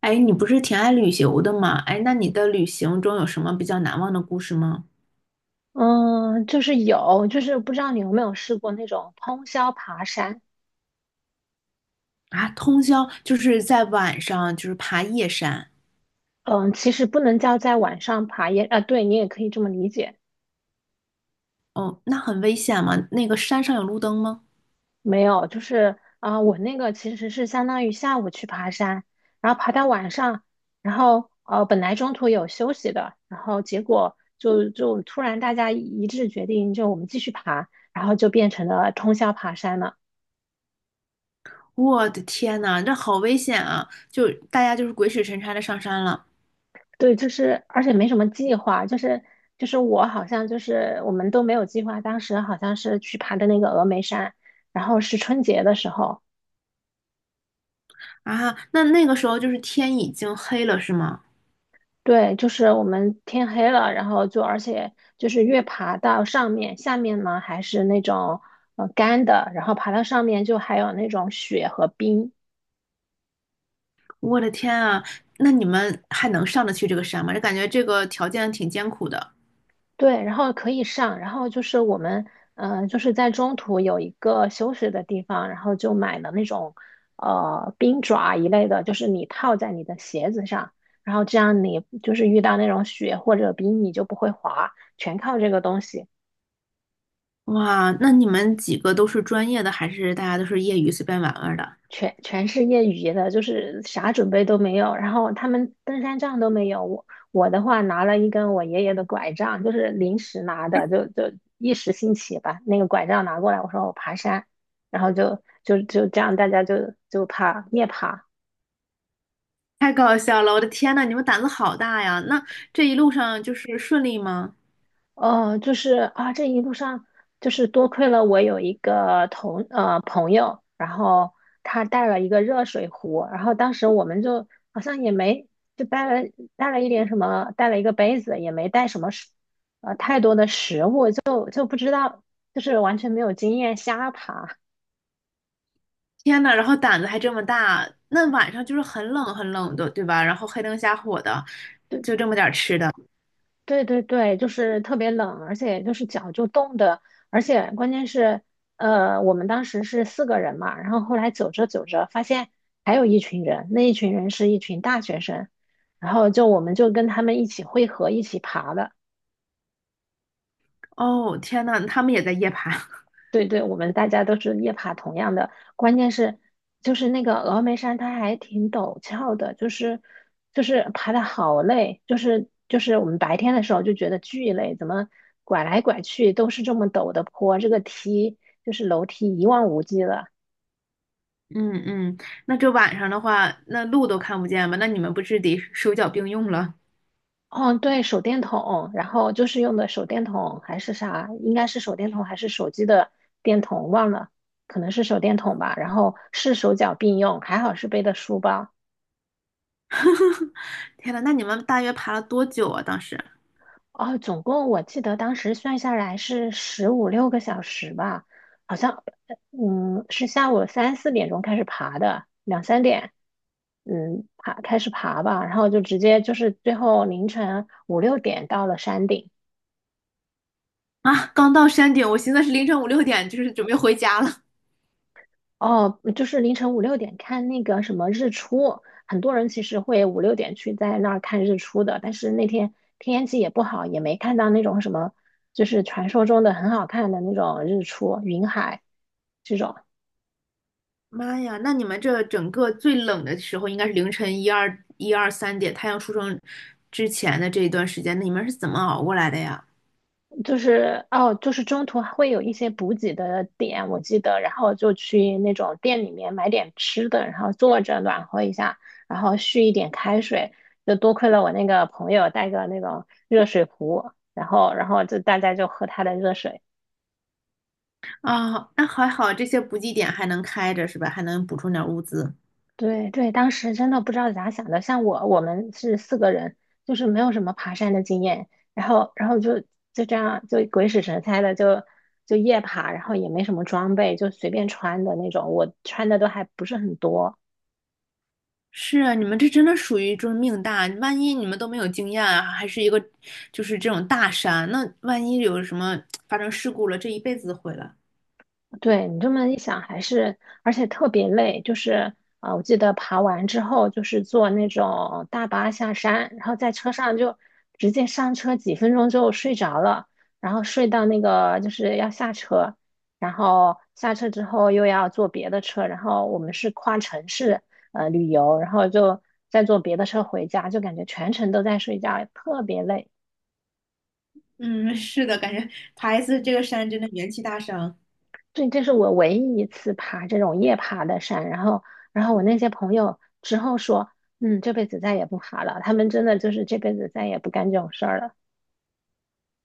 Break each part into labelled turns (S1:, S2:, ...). S1: 哎，你不是挺爱旅游的吗？哎，那你的旅行中有什么比较难忘的故事吗？
S2: 嗯，就是有，就是不知道你有没有试过那种通宵爬山。
S1: 啊，通宵就是在晚上，就是爬夜山。
S2: 嗯，其实不能叫在晚上爬也，啊，对你也可以这么理解。
S1: 哦，那很危险吗？那个山上有路灯吗？
S2: 没有，就是啊、我那个其实是相当于下午去爬山，然后爬到晚上，然后本来中途有休息的，然后结果就突然大家一致决定，就我们继续爬，然后就变成了通宵爬山了。
S1: 我的天呐，这好危险啊！就大家就是鬼使神差的上山了。
S2: 对，就是而且没什么计划，就是我好像就是我们都没有计划，当时好像是去爬的那个峨眉山，然后是春节的时候，
S1: 啊，那那个时候就是天已经黑了，是吗？
S2: 对，就是我们天黑了，然后就而且就是越爬到上面，下面呢还是那种干的，然后爬到上面就还有那种雪和冰。
S1: 我的天啊，那你们还能上得去这个山吗？这感觉这个条件挺艰苦的。
S2: 对，然后可以上，然后就是我们，嗯，就是在中途有一个休息的地方，然后就买了那种，冰爪一类的，就是你套在你的鞋子上，然后这样你就是遇到那种雪或者冰，你就不会滑，全靠这个东西。
S1: 哇，那你们几个都是专业的，还是大家都是业余随便玩玩的？
S2: 全是业余的，就是啥准备都没有。然后他们登山杖都没有，我的话拿了一根我爷爷的拐杖，就是临时拿的，就一时兴起把那个拐杖拿过来，我说我爬山，然后就这样，大家就爬夜爬。
S1: 太搞笑了！我的天呐，你们胆子好大呀！那这一路上就是顺利吗？
S2: 就是啊，这一路上就是多亏了我有一个朋友，然后他带了一个热水壶，然后当时我们就好像也没就带了一点什么，带了一个杯子，也没带什么太多的食物，就不知道，就是完全没有经验，瞎爬。
S1: 天呐，然后胆子还这么大，那晚上就是很冷很冷的，对吧？然后黑灯瞎火的，就这么点儿吃的。
S2: 对对对，就是特别冷，而且就是脚就冻的，而且关键是，我们当时是四个人嘛，然后后来走着走着发现还有一群人，那一群人是一群大学生，然后就我们就跟他们一起汇合，一起爬的。
S1: 哦，天呐，他们也在夜爬。
S2: 对对，我们大家都是夜爬同样的，关键是就是那个峨眉山，它还挺陡峭的，就是爬的好累，就是我们白天的时候就觉得巨累，怎么拐来拐去都是这么陡的坡，这个梯就是楼梯一望无际的，
S1: 嗯嗯，那这晚上的话，那路都看不见吧？那你们不是得手脚并用了？
S2: 哦，对，手电筒，然后就是用的手电筒还是啥，应该是手电筒还是手机的电筒，忘了，可能是手电筒吧。然后是手脚并用，还好是背的书包。
S1: 天呐，那你们大约爬了多久啊？当时
S2: 哦，总共我记得当时算下来是15、6个小时吧，好像，是下午3、4点钟开始爬的，2、3点，嗯，开始爬吧，然后就直接就是最后凌晨五六点到了山顶。
S1: 啊，刚到山顶，我寻思是凌晨五六点，就是准备回家了。
S2: 哦，就是凌晨五六点看那个什么日出，很多人其实会五六点去在那儿看日出的，但是那天天气也不好，也没看到那种什么，就是传说中的很好看的那种日出，云海这种。
S1: 妈呀，那你们这整个最冷的时候应该是凌晨一二一二三点，太阳出生之前的这一段时间，那你们是怎么熬过来的呀？
S2: 就是哦，就是中途还会有一些补给的点，我记得，然后就去那种店里面买点吃的，然后坐着暖和一下，然后续一点开水。就多亏了我那个朋友带个那种热水壶，然后就大家就喝他的热水。
S1: 啊、那还好，这些补给点还能开着是吧？还能补充点物资。
S2: 对对，当时真的不知道咋想的。像我，我们是四个人，就是没有什么爬山的经验，然后，然后就这样，就鬼使神差的就夜爬，然后也没什么装备，就随便穿的那种。我穿的都还不是很多，
S1: 是啊，你们这真的属于就是命大，万一你们都没有经验啊，还是一个就是这种大山，那万一有什么发生事故了，这一辈子毁了。
S2: 对你这么一想，还是而且特别累，就是啊，我记得爬完之后就是坐那种大巴下山，然后在车上就直接上车，几分钟就睡着了，然后睡到那个就是要下车，然后下车之后又要坐别的车，然后我们是跨城市旅游，然后就再坐别的车回家，就感觉全程都在睡觉，特别累。
S1: 嗯，是的，感觉爬一次这个山真的元气大伤。
S2: 对，这是我唯一一次爬这种夜爬的山，然后，然后我那些朋友之后说，嗯，这辈子再也不爬了。他们真的就是这辈子再也不干这种事儿了。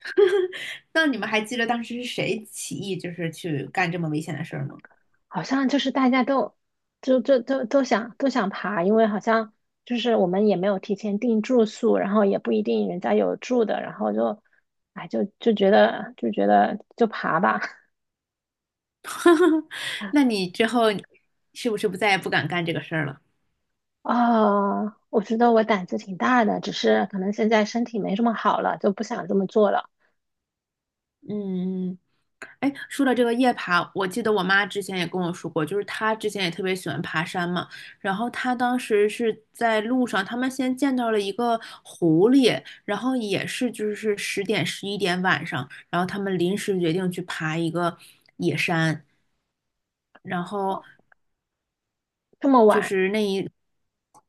S1: 那你们还记得当时是谁起义，就是去干这么危险的事儿吗？
S2: 好像就是大家都，就就都都想都想爬，因为好像就是我们也没有提前订住宿，然后也不一定人家有住的，然后就，哎，就觉得就爬吧。
S1: 那你之后是不是不再也不敢干这个事儿了？
S2: 啊，我觉得我胆子挺大的，只是可能现在身体没这么好了，就不想这么做了。
S1: 嗯，哎，说到这个夜爬，我记得我妈之前也跟我说过，就是她之前也特别喜欢爬山嘛。然后她当时是在路上，他们先见到了一个狐狸，然后也是就是十点十一点晚上，然后他们临时决定去爬一个野山，然
S2: 哦，
S1: 后
S2: 这么
S1: 就
S2: 晚。
S1: 是那一，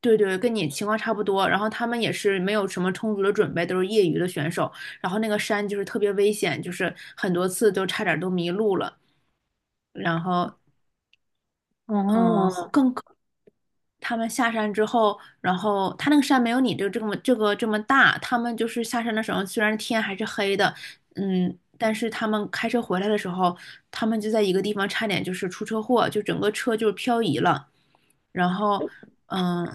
S1: 对对，跟你情况差不多。然后他们也是没有什么充足的准备，都是业余的选手。然后那个山就是特别危险，就是很多次都差点都迷路了。然后，嗯，
S2: 哦
S1: 他们下山之后，然后他那个山没有你这么大，他们就是下山的时候，虽然天还是黑的，嗯，但是他们开车回来的时候，他们就在一个地方差点就是出车祸，就整个车就是漂移了。然后，嗯，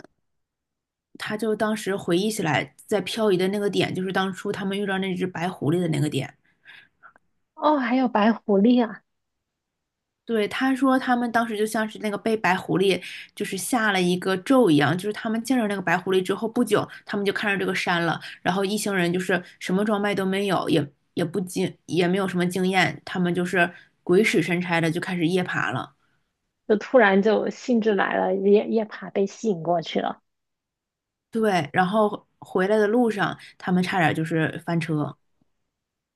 S1: 他就当时回忆起来，在漂移的那个点，就是当初他们遇到那只白狐狸的那个点。
S2: 哦，还有白狐狸啊！
S1: 对，他说他们当时就像是那个被白狐狸就是下了一个咒一样，就是他们见着那个白狐狸之后不久，他们就看着这个山了，然后一行人就是什么装备都没有，也也不经也没有什么经验，他们就是鬼使神差的就开始夜爬了。
S2: 就突然就兴致来了，夜爬被吸引过去了，
S1: 对，然后回来的路上，他们差点就是翻车。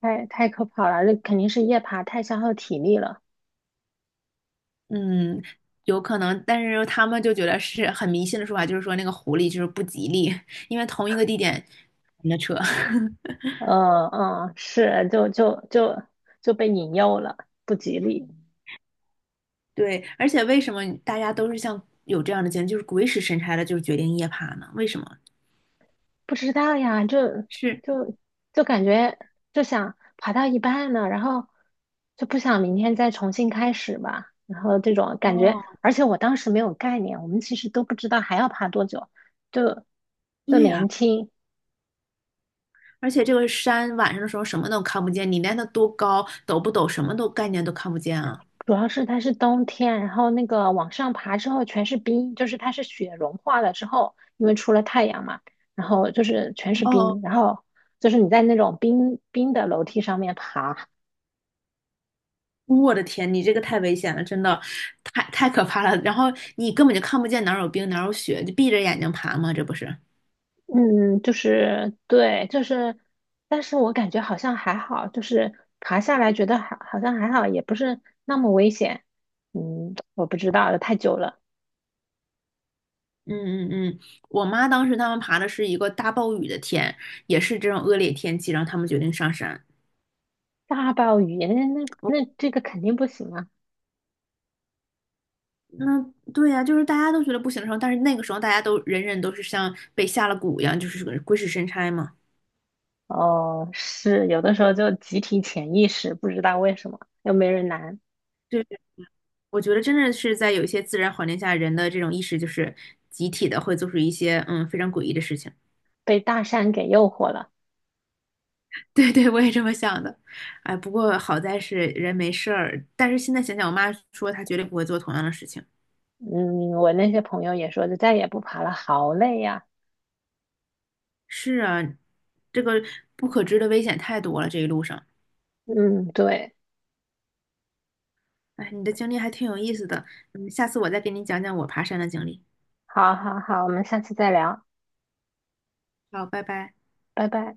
S2: 太可怕了，这肯定是夜爬太消耗体力了。
S1: 嗯，有可能，但是他们就觉得是很迷信的说法，就是说那个狐狸就是不吉利，因为同一个地点，那车。
S2: 嗯嗯，是，就被引诱了，不吉利。
S1: 对，而且为什么大家都是像有这样的经历，就是鬼使神差的，就是决定夜爬呢？为什么？
S2: 不知道呀，
S1: 是
S2: 就就感觉就想爬到一半呢，然后就不想明天再重新开始吧，然后这种感觉，
S1: 哦，
S2: 而且我当时没有概念，我们其实都不知道还要爬多久，就就
S1: 对呀、
S2: 年轻，
S1: 而且这个山晚上的时候什么都看不见，你连它多高、陡不陡，什么都概念都看不见啊。
S2: 主要是它是冬天，然后那个往上爬之后全是冰，就是它是雪融化了之后，因为出了太阳嘛，然后就是全是
S1: 哦，
S2: 冰，然后就是你在那种冰冰的楼梯上面爬。
S1: 我的天，你这个太危险了，真的，太太可怕了。然后你根本就看不见哪儿有冰哪儿有雪，就闭着眼睛爬嘛，这不是？
S2: 嗯，就是对，就是，但是我感觉好像还好，就是爬下来觉得好，好像还好，也不是那么危险。嗯，我不知道了太久了。
S1: 嗯嗯嗯，我妈当时他们爬的是一个大暴雨的天，也是这种恶劣天气，然后他们决定上山。
S2: 大暴雨，那这个肯定不行啊。
S1: 那对呀、就是大家都觉得不行的时候，但是那个时候大家都人人都是像被下了蛊一样，就是个鬼使神差嘛。
S2: 哦，是，有的时候就集体潜意识，不知道为什么，又没人拦，
S1: 对，我觉得真的是在有一些自然环境下，人的这种意识就是集体的会做出一些非常诡异的事情。
S2: 被大山给诱惑了。
S1: 对对，我也这么想的。哎，不过好在是人没事儿，但是现在想想，我妈说她绝对不会做同样的事情。
S2: 嗯，我那些朋友也说，就再也不爬了，好累呀。
S1: 是啊，这个不可知的危险太多了，这一路上。
S2: 嗯，对，
S1: 哎，你的经历还挺有意思的，嗯，下次我再给你讲讲我爬山的经历。
S2: 好好好，我们下次再聊，
S1: 好，拜拜。
S2: 拜拜。